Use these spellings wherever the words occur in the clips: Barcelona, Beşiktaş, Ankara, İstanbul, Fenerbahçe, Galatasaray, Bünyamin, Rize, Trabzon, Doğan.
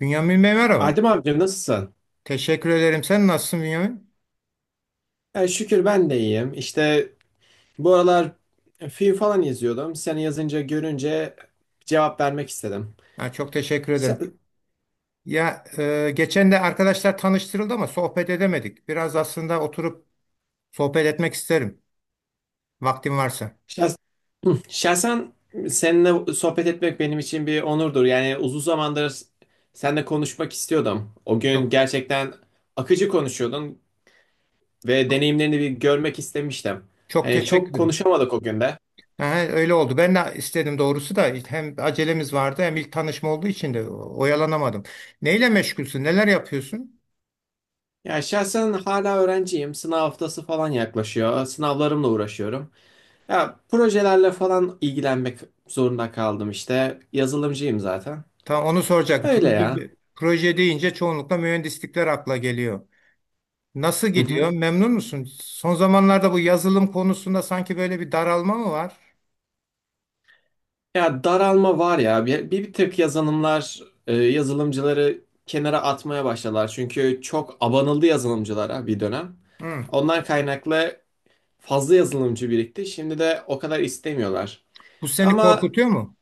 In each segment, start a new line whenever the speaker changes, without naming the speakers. Bünyamin Bey merhaba.
Adem amca nasılsın?
Teşekkür ederim. Sen nasılsın Bünyamin?
Şükür ben de iyiyim. İşte bu aralar film falan izliyordum. Seni yazınca görünce cevap vermek istedim.
Ha, çok teşekkür ederim.
Şah-
Ya geçen de arkadaşlar tanıştırıldı ama sohbet edemedik. Biraz aslında oturup sohbet etmek isterim. Vaktim varsa.
Şahsen seninle sohbet etmek benim için bir onurdur. Yani uzun zamandır seninle konuşmak istiyordum. O gün
Çok
gerçekten akıcı konuşuyordun ve
çok
deneyimlerini bir görmek istemiştim. Hani
teşekkür
çok
ederim.
konuşamadık o günde.
Ha, öyle oldu. Ben de istedim doğrusu da hem acelemiz vardı hem ilk tanışma olduğu için de oyalanamadım. Neyle meşgulsün? Neler yapıyorsun?
Ya şahsen hala öğrenciyim. Sınav haftası falan yaklaşıyor. Sınavlarımla uğraşıyorum. Ya projelerle falan ilgilenmek zorunda kaldım işte. Yazılımcıyım zaten.
Tam onu soracaktım.
Öyle ya.
Proje deyince çoğunlukla mühendislikler akla geliyor. Nasıl
Hı hı.
gidiyor? Memnun musun? Son zamanlarda bu yazılım konusunda sanki böyle bir daralma mı var?
Ya daralma var ya. Bir tık yazılımlar, yazılımcıları kenara atmaya başladılar. Çünkü çok abanıldı yazılımcılara bir dönem.
Hı.
Ondan kaynaklı fazla yazılımcı birikti. Şimdi de o kadar istemiyorlar.
Bu seni
Ama
korkutuyor mu?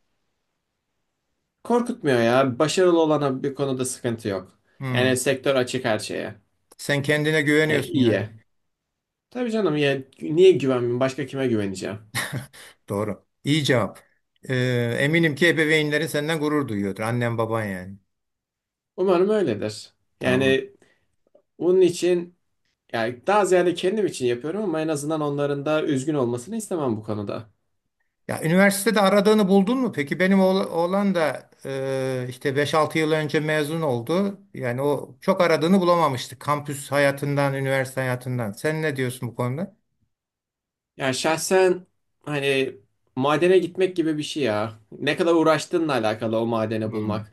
korkutmuyor ya. Başarılı olana bir konuda sıkıntı yok.
Hı.
Yani sektör açık her şeye.
Sen kendine
Yani
güveniyorsun yani.
iyiye. Tabii canım ya niye güvenmeyeyim? Başka kime güveneceğim?
Doğru. İyi cevap. Eminim ki ebeveynlerin senden gurur duyuyordur. Annen baban yani.
Umarım öyledir.
Tamam.
Yani bunun için yani daha ziyade kendim için yapıyorum ama en azından onların da üzgün olmasını istemem bu konuda.
Ya üniversitede aradığını buldun mu? Peki benim oğlan da işte beş altı yıl önce mezun oldu. Yani o çok aradığını bulamamıştı. Kampüs hayatından, üniversite hayatından. Sen ne diyorsun bu konuda?
Yani şahsen hani madene gitmek gibi bir şey ya. Ne kadar uğraştığınla alakalı o madeni
Hı.
bulmak.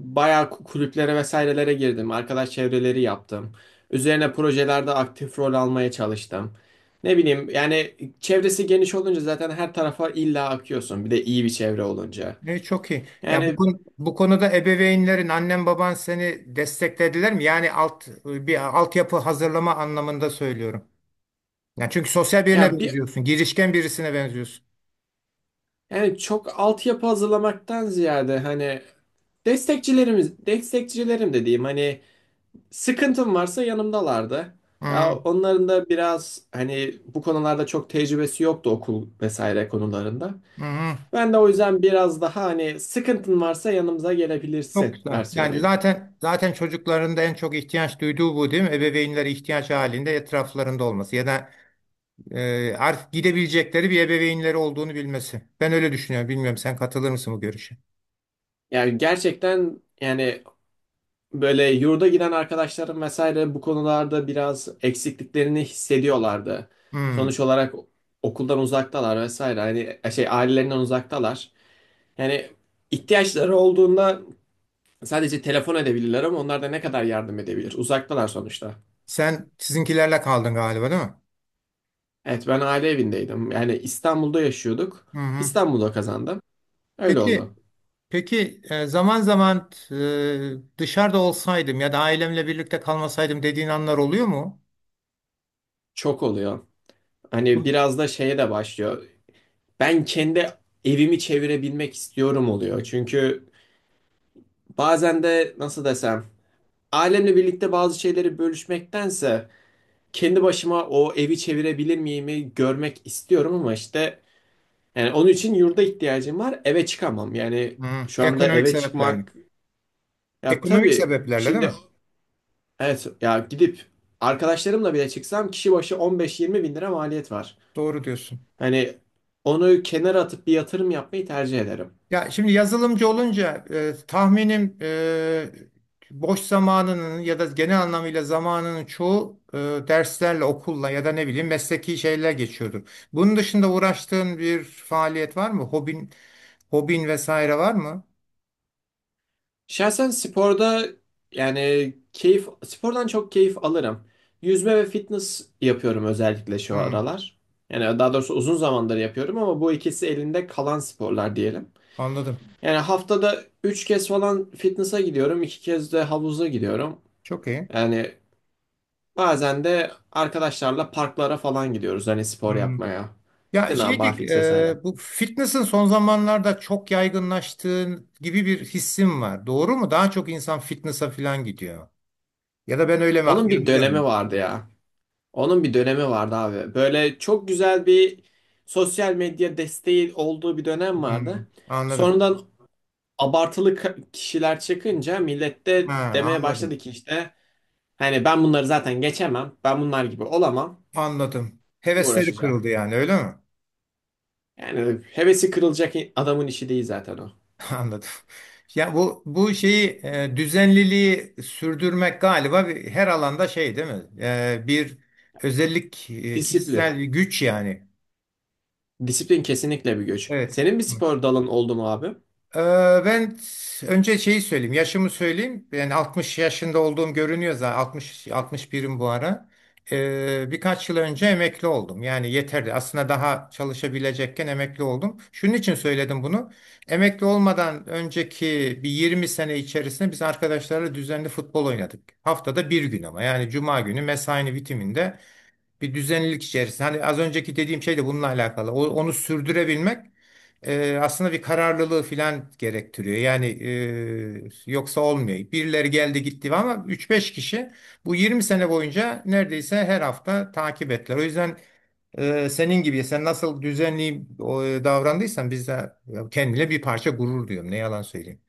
Bayağı kulüplere vesairelere girdim. Arkadaş çevreleri yaptım. Üzerine projelerde aktif rol almaya çalıştım. Ne bileyim yani çevresi geniş olunca zaten her tarafa illa akıyorsun. Bir de iyi bir çevre olunca.
Ne çok iyi. Ya
Yani
bu konuda ebeveynlerin, annen baban seni desteklediler mi? Yani alt bir altyapı hazırlama anlamında söylüyorum. Yani çünkü sosyal birine
ya bir
benziyorsun, girişken birisine benziyorsun.
Yani çok altyapı hazırlamaktan ziyade hani destekçilerimiz, destekçilerim dediğim hani sıkıntım varsa yanımdalardı. Ya
Hı
onların da biraz hani bu konularda çok tecrübesi yoktu okul vesaire konularında.
hı.
Ben de o yüzden biraz daha hani sıkıntın varsa yanımıza
Çok
gelebilirsin
güzel. Yani
versiyonuydu.
zaten çocukların da en çok ihtiyaç duyduğu bu değil mi? Ebeveynlere ihtiyaç halinde etraflarında olması ya da artık gidebilecekleri bir ebeveynleri olduğunu bilmesi. Ben öyle düşünüyorum. Bilmiyorum sen katılır mısın bu görüşe?
Yani gerçekten yani. Böyle yurda giden arkadaşlarım vesaire bu konularda biraz eksikliklerini hissediyorlardı.
Hı.
Sonuç olarak okuldan uzaktalar vesaire. Hani şey ailelerinden uzaktalar. Yani ihtiyaçları olduğunda sadece telefon edebilirler ama onlar da ne kadar yardım edebilir? Uzaktalar sonuçta.
Sen sizinkilerle kaldın galiba değil mi?
Evet ben aile evindeydim. Yani İstanbul'da yaşıyorduk.
Hı hı.
İstanbul'da kazandım. Öyle
Peki,
oldu.
peki, zaman zaman dışarıda olsaydım ya da ailemle birlikte kalmasaydım dediğin anlar oluyor mu?
Çok oluyor. Hani
Bu-
biraz da şeye de başlıyor. Ben kendi evimi çevirebilmek istiyorum oluyor. Çünkü bazen de nasıl desem, ailemle birlikte bazı şeyleri bölüşmektense kendi başıma o evi çevirebilir miyimi görmek istiyorum ama işte yani onun için yurda ihtiyacım var. Eve çıkamam. Yani
Hı,
şu anda
ekonomik
eve
sebeplerle.
çıkmak ya
Ekonomik
tabii
sebeplerle değil
şimdi
mi?
evet ya gidip arkadaşlarımla bile çıksam kişi başı 15-20 bin lira maliyet var.
Doğru diyorsun.
Hani onu kenara atıp bir yatırım yapmayı tercih ederim.
Ya şimdi yazılımcı olunca tahminim boş zamanının ya da genel anlamıyla zamanının çoğu derslerle, okulla ya da ne bileyim mesleki şeyler geçiyordur. Bunun dışında uğraştığın bir faaliyet var mı? Hobin vesaire var mı?
Şahsen sporda yani keyif spordan çok keyif alırım. Yüzme ve fitness yapıyorum özellikle şu
Hı,
aralar. Yani daha doğrusu uzun zamandır yapıyorum ama bu ikisi elinde kalan sporlar diyelim.
anladım.
Yani haftada 3 kez falan fitness'a gidiyorum, 2 kez de havuza gidiyorum.
Çok iyi.
Yani bazen de arkadaşlarla parklara falan gidiyoruz hani spor
Hmm.
yapmaya.
Ya
İşte ne yapar, vesaire.
bu fitness'ın son zamanlarda çok yaygınlaştığı gibi bir hissim var. Doğru mu? Daha çok insan fitness'a falan gidiyor. Ya da ben öyle mi
Onun bir dönemi
yanılıyorum?
vardı ya. Onun bir dönemi vardı abi. Böyle çok güzel bir sosyal medya desteği olduğu bir dönem
Hmm,
vardı.
anladım.
Sonradan abartılı kişiler çıkınca millet de
Ha,
demeye
anladım.
başladı ki işte hani ben bunları zaten geçemem. Ben bunlar gibi olamam.
Anladım.
Kim
Hevesleri kırıldı
uğraşacak?
yani öyle mi?
Yani hevesi kırılacak adamın işi değil zaten o.
Anladım. Ya bu şeyi düzenliliği sürdürmek galiba her alanda şey değil mi? Bir özellik,
Disiplin.
kişisel bir güç yani.
Disiplin kesinlikle bir güç.
Evet.
Senin bir spor dalın oldu mu abi?
Ee, Ben önce şeyi söyleyeyim, yaşımı söyleyeyim. Yani 60 yaşında olduğum görünüyor zaten. 60 61'im bu ara. Birkaç yıl önce emekli oldum. Yani yeterli. Aslında daha çalışabilecekken emekli oldum. Şunun için söyledim bunu. Emekli olmadan önceki bir 20 sene içerisinde biz arkadaşlarla düzenli futbol oynadık. Haftada bir gün ama yani cuma günü mesainin bitiminde bir düzenlilik içerisinde. Hani az önceki dediğim şey de bununla alakalı. Onu sürdürebilmek aslında bir kararlılığı filan gerektiriyor. Yani yoksa olmuyor. Birileri geldi gitti ama üç beş kişi bu 20 sene boyunca neredeyse her hafta takip ettiler. O yüzden senin gibi sen nasıl düzenli davrandıysan biz de ya, kendine bir parça gurur diyorum. Ne yalan söyleyeyim.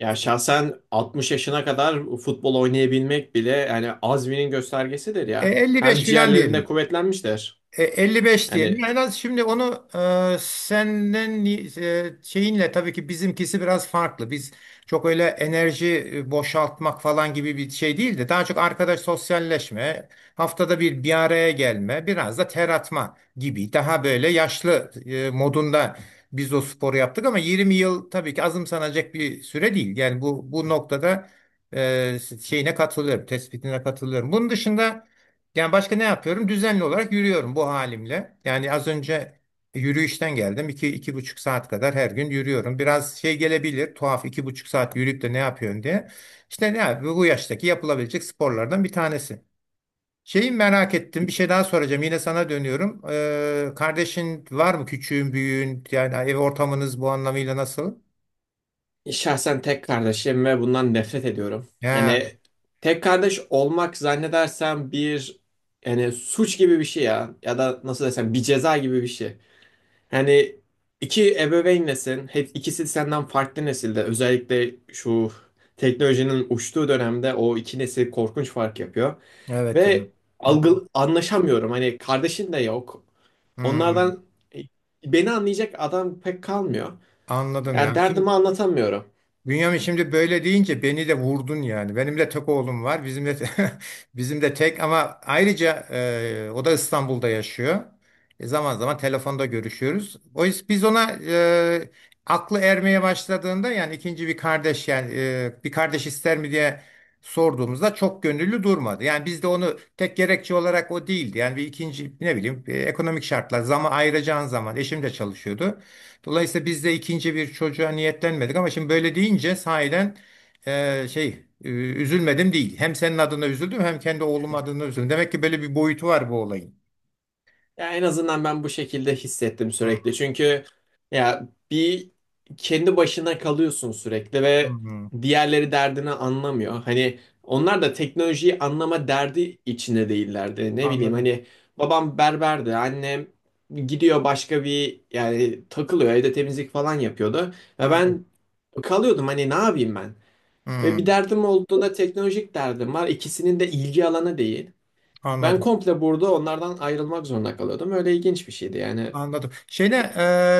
Ya şahsen 60 yaşına kadar futbol oynayabilmek bile yani azminin göstergesidir ya.
55
Hem
filan
ciğerlerinde
diyelim.
kuvvetlenmiştir.
55 diyelim.
Yani
En az şimdi onu senden şeyinle tabii ki bizimkisi biraz farklı. Biz çok öyle enerji boşaltmak falan gibi bir şey değil de daha çok arkadaş sosyalleşme, haftada bir bir araya gelme, biraz da ter atma gibi daha böyle yaşlı modunda biz o sporu yaptık ama 20 yıl tabii ki azımsanacak bir süre değil. Yani bu noktada e, şeyine katılıyorum, tespitine katılıyorum. Bunun dışında yani başka ne yapıyorum? Düzenli olarak yürüyorum bu halimle. Yani az önce yürüyüşten geldim. 2,5 saat kadar her gün yürüyorum. Biraz şey gelebilir, tuhaf 2,5 saat yürüyüp de ne yapıyorsun diye. İşte bu yaştaki yapılabilecek sporlardan bir tanesi. Şeyi merak ettim. Bir şey daha soracağım. Yine sana dönüyorum. Kardeşin var mı? Küçüğün, büyüğün? Yani ev ortamınız bu anlamıyla nasıl?
şahsen tek kardeşim ve bundan nefret ediyorum.
Ha,
Yani tek kardeş olmak zannedersem bir yani suç gibi bir şey ya ya da nasıl desem bir ceza gibi bir şey. Yani iki ebeveynlesin, hep ikisi senden farklı nesilde. Özellikle şu teknolojinin uçtuğu dönemde o iki nesil korkunç fark yapıyor
evet ya.
ve
Hı,
algı anlaşamıyorum. Hani kardeşin de yok.
hı.
Onlardan e, beni anlayacak adam pek kalmıyor.
Anladım
Yani
ya. Şimdi
derdimi anlatamıyorum.
Bünyamin şimdi böyle deyince beni de vurdun yani. Benim de tek oğlum var. Bizim de bizim de tek ama ayrıca o da İstanbul'da yaşıyor. Zaman zaman telefonda görüşüyoruz. O yüzden biz ona aklı ermeye başladığında yani ikinci bir kardeş yani bir kardeş ister mi diye sorduğumuzda çok gönüllü durmadı. Yani biz de onu tek gerekçe olarak o değildi. Yani bir ikinci ne bileyim ekonomik şartlar zaman ayıracağın zaman eşim de çalışıyordu. Dolayısıyla biz de ikinci bir çocuğa niyetlenmedik ama şimdi böyle deyince sahiden e, şey e, üzülmedim değil. Hem senin adına üzüldüm hem kendi oğlum adına üzüldüm. Demek ki böyle bir boyutu var bu olayın.
Ya en azından ben bu şekilde hissettim
Hmm,
sürekli. Çünkü ya bir kendi başına kalıyorsun sürekli ve
hmm,
diğerleri derdini anlamıyor. Hani onlar da teknolojiyi anlama derdi içinde değillerdi. Ne bileyim
anladım.
hani babam berberdi, annem gidiyor başka bir yani takılıyor evde temizlik falan yapıyordu ve
Anladım.
ben kalıyordum hani ne yapayım ben? Ve bir
Hmm,
derdim olduğunda teknolojik derdim var. İkisinin de ilgi alanı değil. Ben
anladım.
komple burada onlardan ayrılmak zorunda kalıyordum. Öyle ilginç bir şeydi yani.
Anladım. Şeyde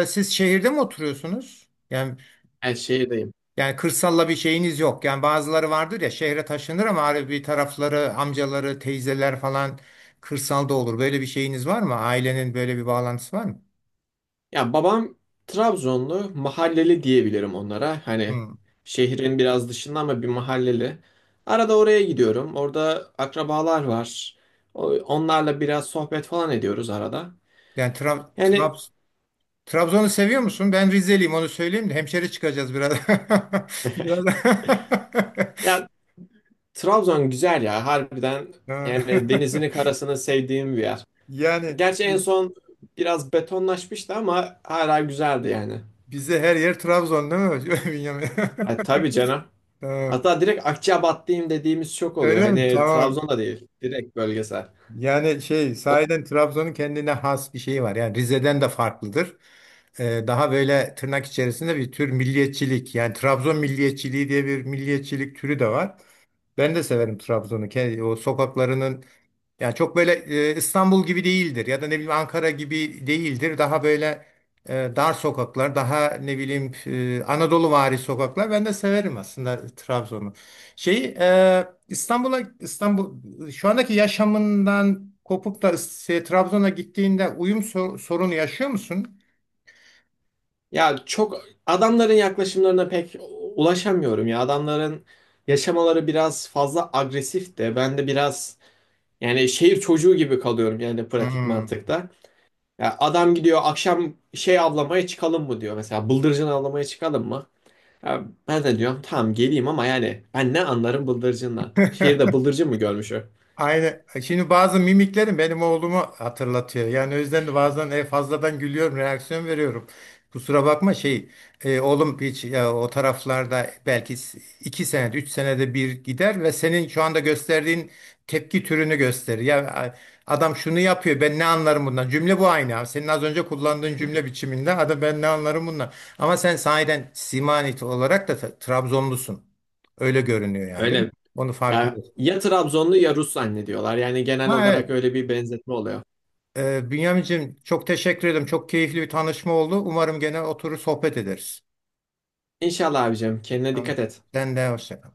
e, siz şehirde mi oturuyorsunuz? Yani
Ben şehirdeyim.
yani kırsalla bir şeyiniz yok. Yani bazıları vardır ya şehre taşınır ama hani bir tarafları amcaları, teyzeler falan kırsalda olur. Böyle bir şeyiniz var mı? Ailenin böyle bir bağlantısı var mı?
Ya babam Trabzonlu, mahalleli diyebilirim onlara. Hani
Hı.
şehrin biraz dışında ama bir mahalleli. Arada oraya gidiyorum. Orada akrabalar var. Onlarla biraz sohbet falan ediyoruz arada.
Yani
Yani
Trabzon'u seviyor musun? Ben Rizeliyim onu söyleyeyim de hemşeri çıkacağız biraz. Biraz.
ya Trabzon güzel ya harbiden yani
Ha.
denizini karasını sevdiğim bir yer.
Yani
Gerçi en
biz,
son biraz betonlaşmıştı ama hala güzeldi yani.
bize her yer Trabzon değil mi? Bünyamin?
E, tabii canım.
Tamam.
Hatta direkt Akçabatlıyım dediğimiz çok oluyor.
Öyle mi?
Hani
Tamam.
Trabzon'da değil. Direkt bölgesel.
Yani
O-
sahiden Trabzon'un kendine has bir şeyi var. Yani Rize'den de farklıdır. Daha böyle tırnak içerisinde bir tür milliyetçilik. Yani Trabzon milliyetçiliği diye bir milliyetçilik türü de var. Ben de severim Trabzon'u. O sokaklarının. Yani çok böyle İstanbul gibi değildir ya da ne bileyim Ankara gibi değildir. Daha böyle dar sokaklar, daha ne bileyim Anadoluvari sokaklar. Ben de severim aslında Trabzon'u. İstanbul şu andaki yaşamından kopup da Trabzon'a gittiğinde uyum sorunu yaşıyor musun?
Ya çok adamların yaklaşımlarına pek ulaşamıyorum ya. Adamların yaşamaları biraz fazla agresif de. Ben de biraz yani şehir çocuğu gibi kalıyorum yani pratik
Hmm.
mantıkta. Ya adam gidiyor akşam şey avlamaya çıkalım mı diyor. Mesela bıldırcın avlamaya çıkalım mı? Ya ben de diyorum tamam geleyim ama yani ben ne anlarım bıldırcından. Şehirde bıldırcın mı görmüş o?
Aynen. Şimdi bazı mimiklerim benim oğlumu hatırlatıyor. Yani o yüzden de bazen fazladan gülüyorum, reaksiyon veriyorum. Kusura bakma oğlum hiç ya, o taraflarda belki iki senede, üç senede bir gider ve senin şu anda gösterdiğin tepki türünü gösterir. Adam şunu yapıyor, ben ne anlarım bundan? Cümle bu aynı, abi. Senin az önce kullandığın cümle biçiminde, adam ben ne anlarım bundan? Ama sen sahiden simanit olarak da Trabzonlusun. Öyle görünüyor yani, değil mi?
Öyle.
Onu
Yani
farkındasın.
ya Trabzonlu ya Rus zannediyorlar. Yani genel
Ha
olarak
evet.
öyle bir benzetme oluyor.
Bünyamin'cim çok teşekkür ederim. Çok keyifli bir tanışma oldu. Umarım gene oturur sohbet ederiz.
İnşallah abicim kendine
Tamam.
dikkat et.
Sen de hoşça kal.